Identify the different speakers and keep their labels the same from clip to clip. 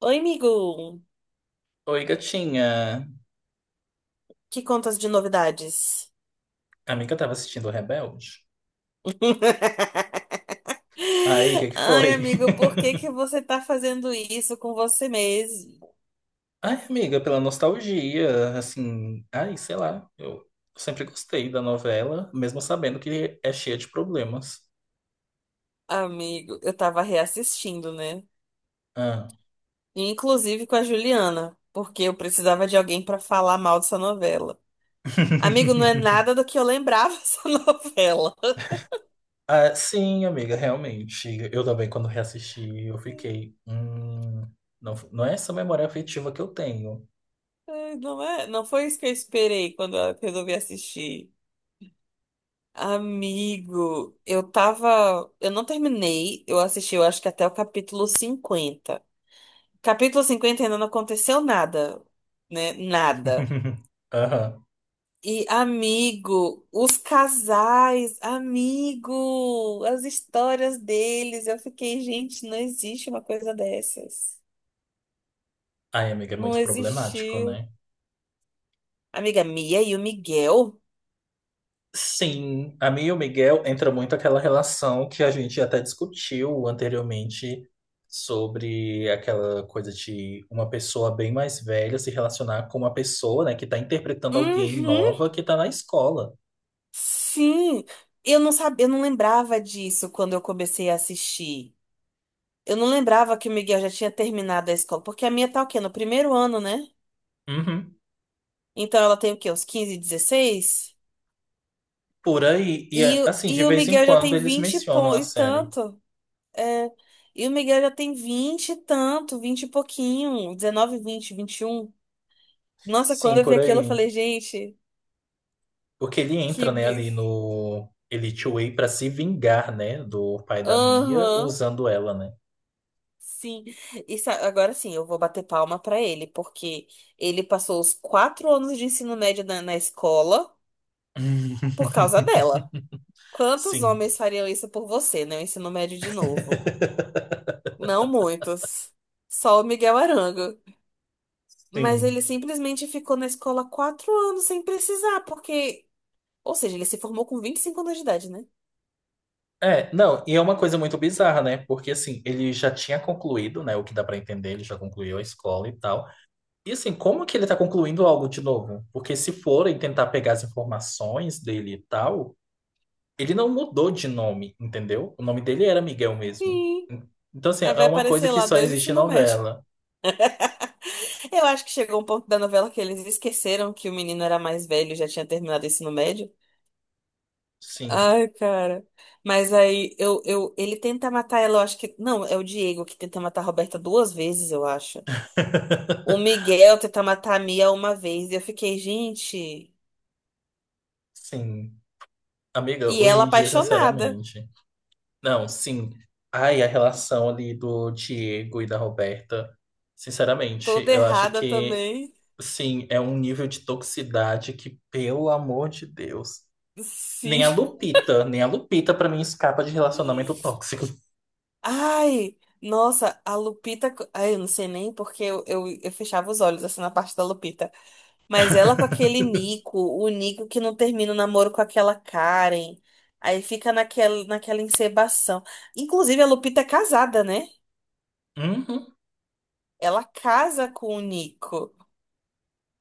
Speaker 1: Oi, amigo!
Speaker 2: Oi, gatinha.
Speaker 1: Que contas de novidades?
Speaker 2: Amiga, eu tava assistindo o Rebelde. Aí, o que que
Speaker 1: Ai,
Speaker 2: foi?
Speaker 1: amigo, por que que você tá fazendo isso com você mesmo?
Speaker 2: Ai, amiga, pela nostalgia, assim, ai, sei lá. Eu sempre gostei da novela, mesmo sabendo que é cheia de problemas.
Speaker 1: Amigo, eu tava reassistindo, né?
Speaker 2: Ah.
Speaker 1: Inclusive com a Juliana, porque eu precisava de alguém pra falar mal dessa novela. Amigo, não é nada do que eu lembrava dessa novela.
Speaker 2: Ah, sim, amiga, realmente. Eu também, quando reassisti, eu fiquei. Não é essa memória afetiva que eu tenho.
Speaker 1: Ai, não é, não foi isso que eu esperei quando eu resolvi assistir. Amigo, eu tava. Eu não terminei, eu assisti, eu acho que até o capítulo 50. Capítulo 50 ainda não aconteceu nada, né? Nada.
Speaker 2: Aham.
Speaker 1: E, amigo, as histórias deles. Eu fiquei, gente, não existe uma coisa dessas.
Speaker 2: Ai, amiga, é
Speaker 1: Não
Speaker 2: muito problemático,
Speaker 1: existiu.
Speaker 2: né?
Speaker 1: Amiga, Mia e o Miguel?
Speaker 2: Sim, a mim e o Miguel entra muito aquela relação que a gente até discutiu anteriormente sobre aquela coisa de uma pessoa bem mais velha se relacionar com uma pessoa, né, que está interpretando alguém
Speaker 1: Uhum,
Speaker 2: nova que está na escola.
Speaker 1: sim. Eu não sabia, eu não lembrava disso quando eu comecei a assistir. Eu não lembrava que o Miguel já tinha terminado a escola, porque a minha tá o quê? No primeiro ano, né?
Speaker 2: Uhum.
Speaker 1: Então ela tem o quê? Uns 15, 16.
Speaker 2: Por aí, e é, assim, de
Speaker 1: E o
Speaker 2: vez em
Speaker 1: Miguel já
Speaker 2: quando
Speaker 1: tem
Speaker 2: eles mencionam a
Speaker 1: e
Speaker 2: série.
Speaker 1: tanto. É, e o Miguel já tem 20 e tanto, 20 e pouquinho, 19, vinte, e um. Nossa, quando
Speaker 2: Sim,
Speaker 1: eu vi
Speaker 2: por
Speaker 1: aquilo, eu
Speaker 2: aí.
Speaker 1: falei, gente,
Speaker 2: Porque ele
Speaker 1: que.
Speaker 2: entra, né,
Speaker 1: bi-
Speaker 2: ali no Elite Way para se vingar, né, do pai da Mia
Speaker 1: aham,
Speaker 2: usando ela, né?
Speaker 1: sim. Isso, agora sim, eu vou bater palma pra ele, porque ele passou os 4 anos de ensino médio na escola por causa dela. Quantos
Speaker 2: Sim.
Speaker 1: homens fariam isso por você, né? O ensino médio de novo. Não muitos. Só o Miguel Arango. Mas
Speaker 2: Sim.
Speaker 1: ele simplesmente ficou na escola 4 anos sem precisar, porque. Ou seja, ele se formou com 25 anos de idade, né?
Speaker 2: É, não, e é uma coisa muito bizarra, né? Porque assim, ele já tinha concluído, né? O que dá pra entender, ele já concluiu a escola e tal. E assim, como que ele tá concluindo algo de novo? Porque se forem tentar pegar as informações dele e tal, ele não mudou de nome, entendeu? O nome dele era Miguel mesmo.
Speaker 1: Sim,
Speaker 2: Então, assim,
Speaker 1: aí
Speaker 2: é
Speaker 1: vai
Speaker 2: uma coisa
Speaker 1: aparecer
Speaker 2: que
Speaker 1: lá
Speaker 2: só
Speaker 1: dois
Speaker 2: existe em
Speaker 1: ensino médio.
Speaker 2: novela.
Speaker 1: Eu acho que chegou um ponto da novela que eles esqueceram que o menino era mais velho e já tinha terminado o ensino médio.
Speaker 2: Sim,
Speaker 1: Ai, cara. Ele tenta matar ela, eu acho que. Não, é o Diego que tenta matar a Roberta duas vezes, eu acho. O Miguel tentar matar a Mia uma vez. E eu fiquei, gente.
Speaker 2: sim. Amiga,
Speaker 1: E
Speaker 2: hoje
Speaker 1: ela
Speaker 2: em dia,
Speaker 1: apaixonada.
Speaker 2: sinceramente. Não, sim. Ai, a relação ali do Diego e da Roberta, sinceramente,
Speaker 1: Toda
Speaker 2: eu acho
Speaker 1: errada
Speaker 2: que,
Speaker 1: também.
Speaker 2: sim, é um nível de toxicidade que, pelo amor de Deus, nem a
Speaker 1: Sim.
Speaker 2: Lupita, nem a Lupita pra mim escapa de relacionamento tóxico.
Speaker 1: Ai, nossa, a Lupita. Ai, eu não sei nem porque eu fechava os olhos assim na parte da Lupita. Mas ela com aquele Nico, o Nico que não termina o namoro com aquela Karen. Aí fica naquela encebação. Inclusive, a Lupita é casada, né?
Speaker 2: Uhum,
Speaker 1: Ela casa com o Nico.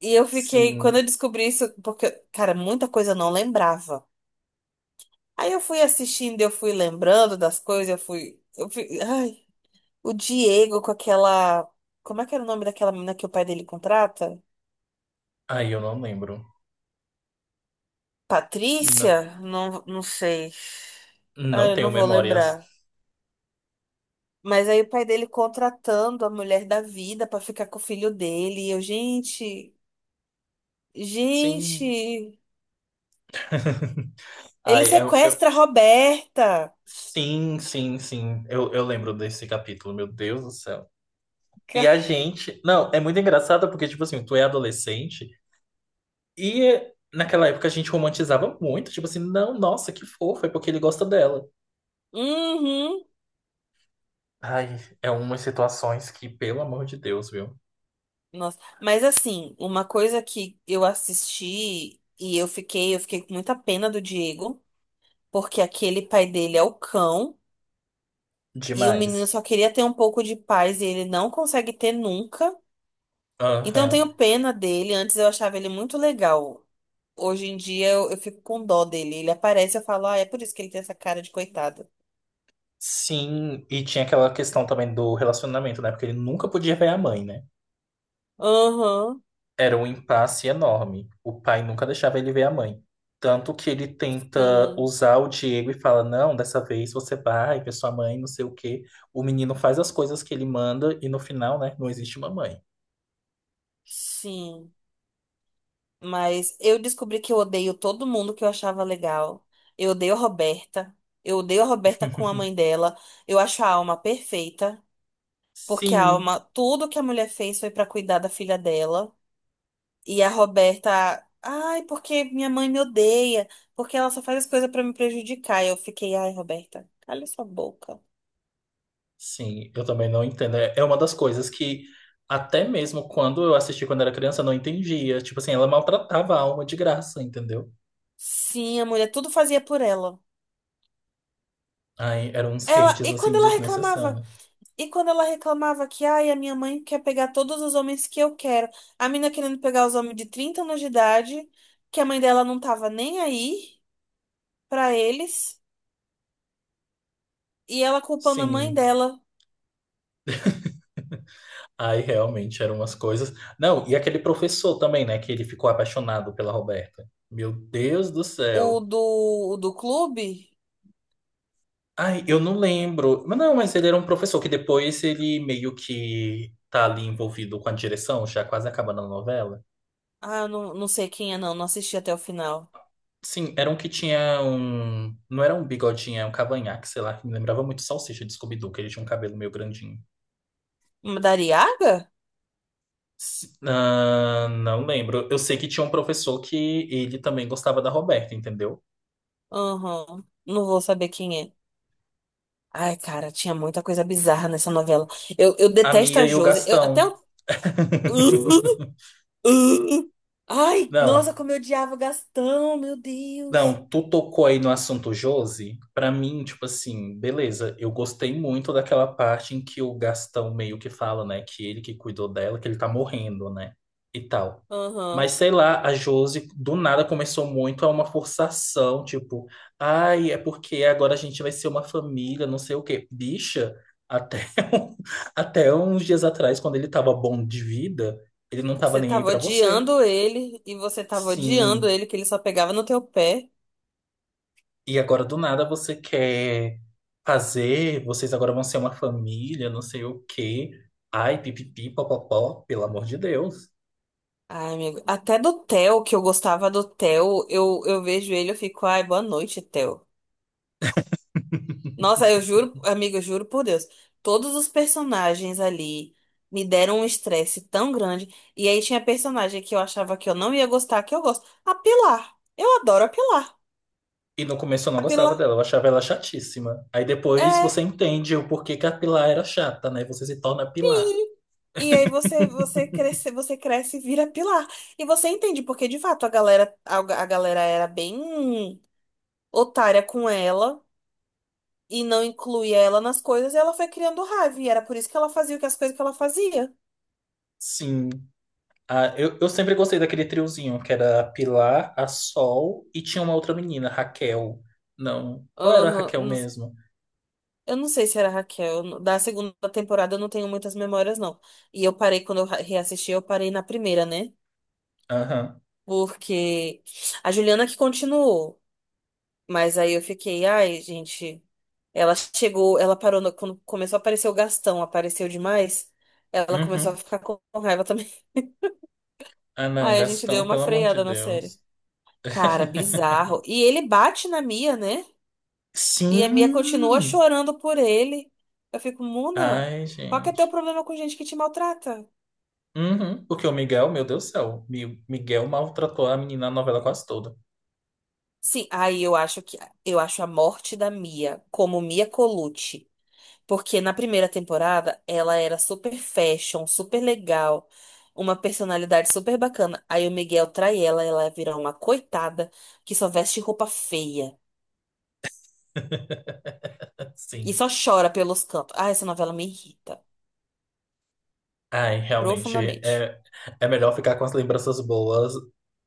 Speaker 1: E eu fiquei, quando eu
Speaker 2: sim.
Speaker 1: descobri isso, porque, cara, muita coisa eu não lembrava. Aí eu fui assistindo, eu fui lembrando das coisas, ai, o Diego com aquela, como é que era o nome daquela menina que o pai dele contrata?
Speaker 2: Ai, eu não lembro. Não,
Speaker 1: Patrícia? Não, não sei. Ah,
Speaker 2: não
Speaker 1: eu
Speaker 2: tenho
Speaker 1: não vou
Speaker 2: memórias.
Speaker 1: lembrar. Mas aí o pai dele contratando a mulher da vida pra ficar com o filho dele. E eu,
Speaker 2: Sim.
Speaker 1: gente, ele
Speaker 2: Ai,
Speaker 1: sequestra a Roberta.
Speaker 2: sim, sim, sim. Eu lembro desse capítulo, meu Deus do céu. E a gente. Não, é muito engraçado porque, tipo assim, tu é adolescente. E naquela época a gente romantizava muito, tipo assim, não, nossa, que fofo, é porque ele gosta dela.
Speaker 1: Uhum.
Speaker 2: Ai, é umas situações que, pelo amor de Deus, viu?
Speaker 1: Nossa, mas assim, uma coisa que eu assisti e eu fiquei com muita pena do Diego, porque aquele pai dele é o cão e o menino
Speaker 2: Demais.
Speaker 1: só queria ter um pouco de paz e ele não consegue ter nunca. Então eu
Speaker 2: Aham.
Speaker 1: tenho pena dele, antes eu achava ele muito legal. Hoje em dia eu fico com dó dele. Ele aparece e eu falo, ah, é por isso que ele tem essa cara de coitado.
Speaker 2: Sim, e tinha aquela questão também do relacionamento, né? Porque ele nunca podia ver a mãe, né?
Speaker 1: Aham,
Speaker 2: Era um impasse enorme. O pai nunca deixava ele ver a mãe. Tanto que ele tenta
Speaker 1: sim,
Speaker 2: usar o Diego e fala: Não, dessa vez você vai ver sua mãe, não sei o quê. O menino faz as coisas que ele manda e no final, né? Não existe uma mãe.
Speaker 1: sim. Mas eu descobri que eu odeio todo mundo que eu achava legal. Eu odeio a Roberta. Eu odeio a Roberta com a mãe dela. Eu acho a Alma perfeita, porque a
Speaker 2: Sim.
Speaker 1: Alma, tudo que a mulher fez foi pra cuidar da filha dela. E a Roberta, ai, porque minha mãe me odeia, porque ela só faz as coisas pra me prejudicar. E eu fiquei, ai, Roberta, cala sua boca.
Speaker 2: Sim, eu também não entendo. É uma das coisas que, até mesmo quando eu assisti quando era criança, eu não entendia. Tipo assim, ela maltratava a alma de graça, entendeu?
Speaker 1: Sim, a mulher tudo fazia por ela.
Speaker 2: Aí eram uns
Speaker 1: Ela,
Speaker 2: hates,
Speaker 1: e
Speaker 2: assim,
Speaker 1: quando ela reclamava?
Speaker 2: desnecessários.
Speaker 1: E quando ela reclamava que, ai, a minha mãe quer pegar todos os homens que eu quero. A mina querendo pegar os homens de 30 anos de idade, que a mãe dela não tava nem aí pra eles. E ela culpando a mãe
Speaker 2: Sim,
Speaker 1: dela,
Speaker 2: aí realmente eram umas coisas. Não, e aquele professor também, né, que ele ficou apaixonado pela Roberta. Meu Deus do céu.
Speaker 1: o do clube.
Speaker 2: Ai, eu não lembro. Mas não, mas ele era um professor que depois ele meio que tá ali envolvido com a direção, já quase acabando a novela.
Speaker 1: Ah, eu não, não sei quem é, não. Não assisti até o final.
Speaker 2: Sim, era um que tinha um. Não era um bigodinho, é um cavanhaque, sei lá, que me lembrava muito Salsicha de Scooby-Doo, que ele tinha um cabelo meio grandinho.
Speaker 1: Da Ariaga?
Speaker 2: Ah, não lembro. Eu sei que tinha um professor que ele também gostava da Roberta, entendeu?
Speaker 1: Aham. Não vou saber quem é. Ai, cara, tinha muita coisa bizarra nessa novela. Eu
Speaker 2: A
Speaker 1: detesto
Speaker 2: Mia
Speaker 1: a
Speaker 2: e o
Speaker 1: Josi. Eu, até
Speaker 2: Gastão.
Speaker 1: o. Uh, ai, nossa,
Speaker 2: Não,
Speaker 1: como eu odiava o Gastão, meu Deus.
Speaker 2: não, tu tocou aí no assunto Josi. Pra mim, tipo assim, beleza, eu gostei muito daquela parte em que o Gastão meio que fala, né, que ele que cuidou dela, que ele tá morrendo, né, e tal. Mas
Speaker 1: Aham.
Speaker 2: sei lá, a Josi do nada começou muito a uma forçação, tipo, ai, é porque agora a gente vai ser uma família, não sei o quê. Bicha, até, um- até uns dias atrás, quando ele tava bom de vida, ele não tava
Speaker 1: Você
Speaker 2: nem aí
Speaker 1: tava
Speaker 2: pra você.
Speaker 1: odiando ele e você tava odiando
Speaker 2: Sim.
Speaker 1: ele, que ele só pegava no teu pé.
Speaker 2: E agora do nada você quer fazer, vocês agora vão ser uma família, não sei o quê. Ai, pipipi, popopó, pelo amor de Deus.
Speaker 1: Ai, amigo. Até do Theo, que eu gostava do Theo, eu vejo ele, eu fico, ai, boa noite, Theo. Nossa, eu juro, amigo, eu juro por Deus. Todos os personagens ali me deram um estresse tão grande. E aí tinha personagem que eu achava que eu não ia gostar, que eu gosto. A Pilar. Eu adoro a Pilar.
Speaker 2: E no começo eu não
Speaker 1: A
Speaker 2: gostava
Speaker 1: Pilar.
Speaker 2: dela, eu achava ela chatíssima. Aí depois você
Speaker 1: É.
Speaker 2: entende o porquê que a Pilar era chata, né? Você se torna a Pilar.
Speaker 1: Sim. E aí você cresce, você cresce e vira pilar. E você entende porque de fato a galera era bem otária com ela e não incluía ela nas coisas, e ela foi criando raiva e era por isso que ela fazia o que as coisas que ela fazia.
Speaker 2: Sim. Ah, eu sempre gostei daquele triozinho, que era a Pilar, a Sol e tinha uma outra menina, Raquel. Não. Ou era a
Speaker 1: Aham,
Speaker 2: Raquel
Speaker 1: não-
Speaker 2: mesmo?
Speaker 1: Eu não sei se era a Raquel. Da segunda temporada eu não tenho muitas memórias, não. E eu parei, quando eu reassisti, eu parei na primeira, né?
Speaker 2: Aham.
Speaker 1: Porque a Juliana que continuou. Mas aí eu fiquei, ai, gente. Ela chegou, ela parou, quando começou a aparecer o Gastão, apareceu demais. Ela começou a
Speaker 2: Uhum.
Speaker 1: ficar com raiva também.
Speaker 2: Ah, não,
Speaker 1: Aí a gente deu
Speaker 2: Gastão,
Speaker 1: uma
Speaker 2: pelo amor de
Speaker 1: freada na
Speaker 2: Deus.
Speaker 1: série. Cara, bizarro. E ele bate na Mia, né? E a Mia continua
Speaker 2: Sim!
Speaker 1: chorando por ele. Eu fico, Muna,
Speaker 2: Ai,
Speaker 1: qual que é teu
Speaker 2: gente.
Speaker 1: problema com gente que te maltrata?
Speaker 2: Uhum. Porque o Miguel, meu Deus do céu, Miguel maltratou a menina na novela quase toda.
Speaker 1: Sim, aí eu acho que eu acho a morte da Mia como Mia Colucci. Porque na primeira temporada ela era super fashion, super legal, uma personalidade super bacana. Aí o Miguel trai ela, ela vira uma coitada que só veste roupa feia e
Speaker 2: Sim.
Speaker 1: só chora pelos cantos. Ah, essa novela me irrita
Speaker 2: Ai, realmente,
Speaker 1: profundamente.
Speaker 2: é, é melhor ficar com as lembranças boas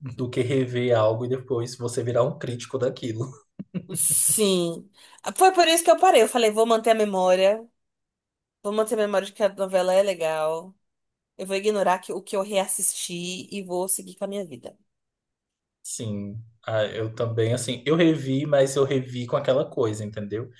Speaker 2: do que rever algo e depois você virar um crítico daquilo.
Speaker 1: Sim. Foi por isso que eu parei. Eu falei, vou manter a memória, vou manter a memória de que a novela é legal. Eu vou ignorar o que eu reassisti e vou seguir com a minha vida.
Speaker 2: Sim, ah, eu também, assim, eu revi, mas eu revi com aquela coisa, entendeu?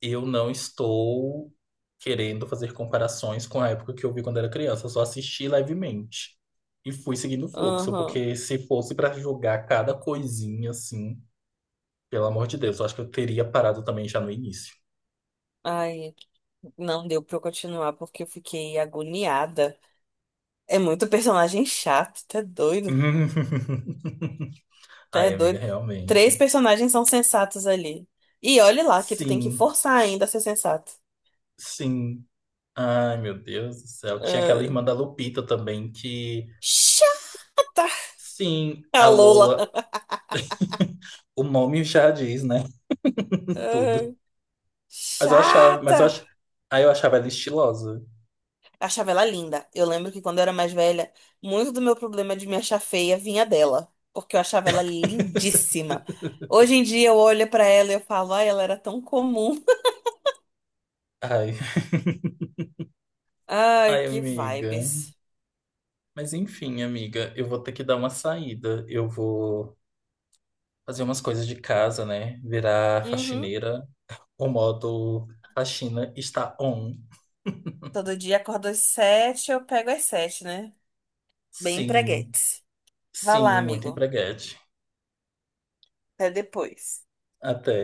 Speaker 2: Eu não estou querendo fazer comparações com a época que eu vi quando era criança, eu só assisti levemente e fui seguindo o fluxo,
Speaker 1: Aham.
Speaker 2: porque se fosse para julgar cada coisinha, assim, pelo amor de Deus, eu acho que eu teria parado também já no início.
Speaker 1: Ai. Não deu pra eu continuar porque eu fiquei agoniada. É muito personagem chato, tá
Speaker 2: Ai, amiga,
Speaker 1: doido. Três
Speaker 2: realmente.
Speaker 1: personagens são sensatos ali. E olhe lá que tu tem que
Speaker 2: Sim,
Speaker 1: forçar ainda a ser sensato.
Speaker 2: sim. Ai, meu Deus do céu. Tinha aquela
Speaker 1: Ah,
Speaker 2: irmã da Lupita também que,
Speaker 1: chata!
Speaker 2: sim,
Speaker 1: A
Speaker 2: a Lola,
Speaker 1: Lola.
Speaker 2: o nome já diz, né?
Speaker 1: Ah,
Speaker 2: Tudo. Mas eu achava, mas
Speaker 1: chata!
Speaker 2: eu ach... Ai, eu achava ela estilosa.
Speaker 1: Achava ela linda. Eu lembro que quando eu era mais velha, muito do meu problema de me achar feia vinha dela, porque eu achava ela lindíssima. Hoje em dia eu olho pra ela e eu falo, ai, ela era tão comum.
Speaker 2: Ai.
Speaker 1: Ai,
Speaker 2: Ai,
Speaker 1: que
Speaker 2: amiga.
Speaker 1: vibes.
Speaker 2: Mas enfim, amiga, eu vou ter que dar uma saída. Eu vou fazer umas coisas de casa, né? Virar
Speaker 1: Uhum.
Speaker 2: faxineira. O modo faxina está on.
Speaker 1: Todo dia acordo às sete, eu pego às sete, né? Bem
Speaker 2: Sim,
Speaker 1: empreguete. Vai
Speaker 2: sim,
Speaker 1: lá,
Speaker 2: muito
Speaker 1: amigo.
Speaker 2: empreguete.
Speaker 1: Até depois.
Speaker 2: Até.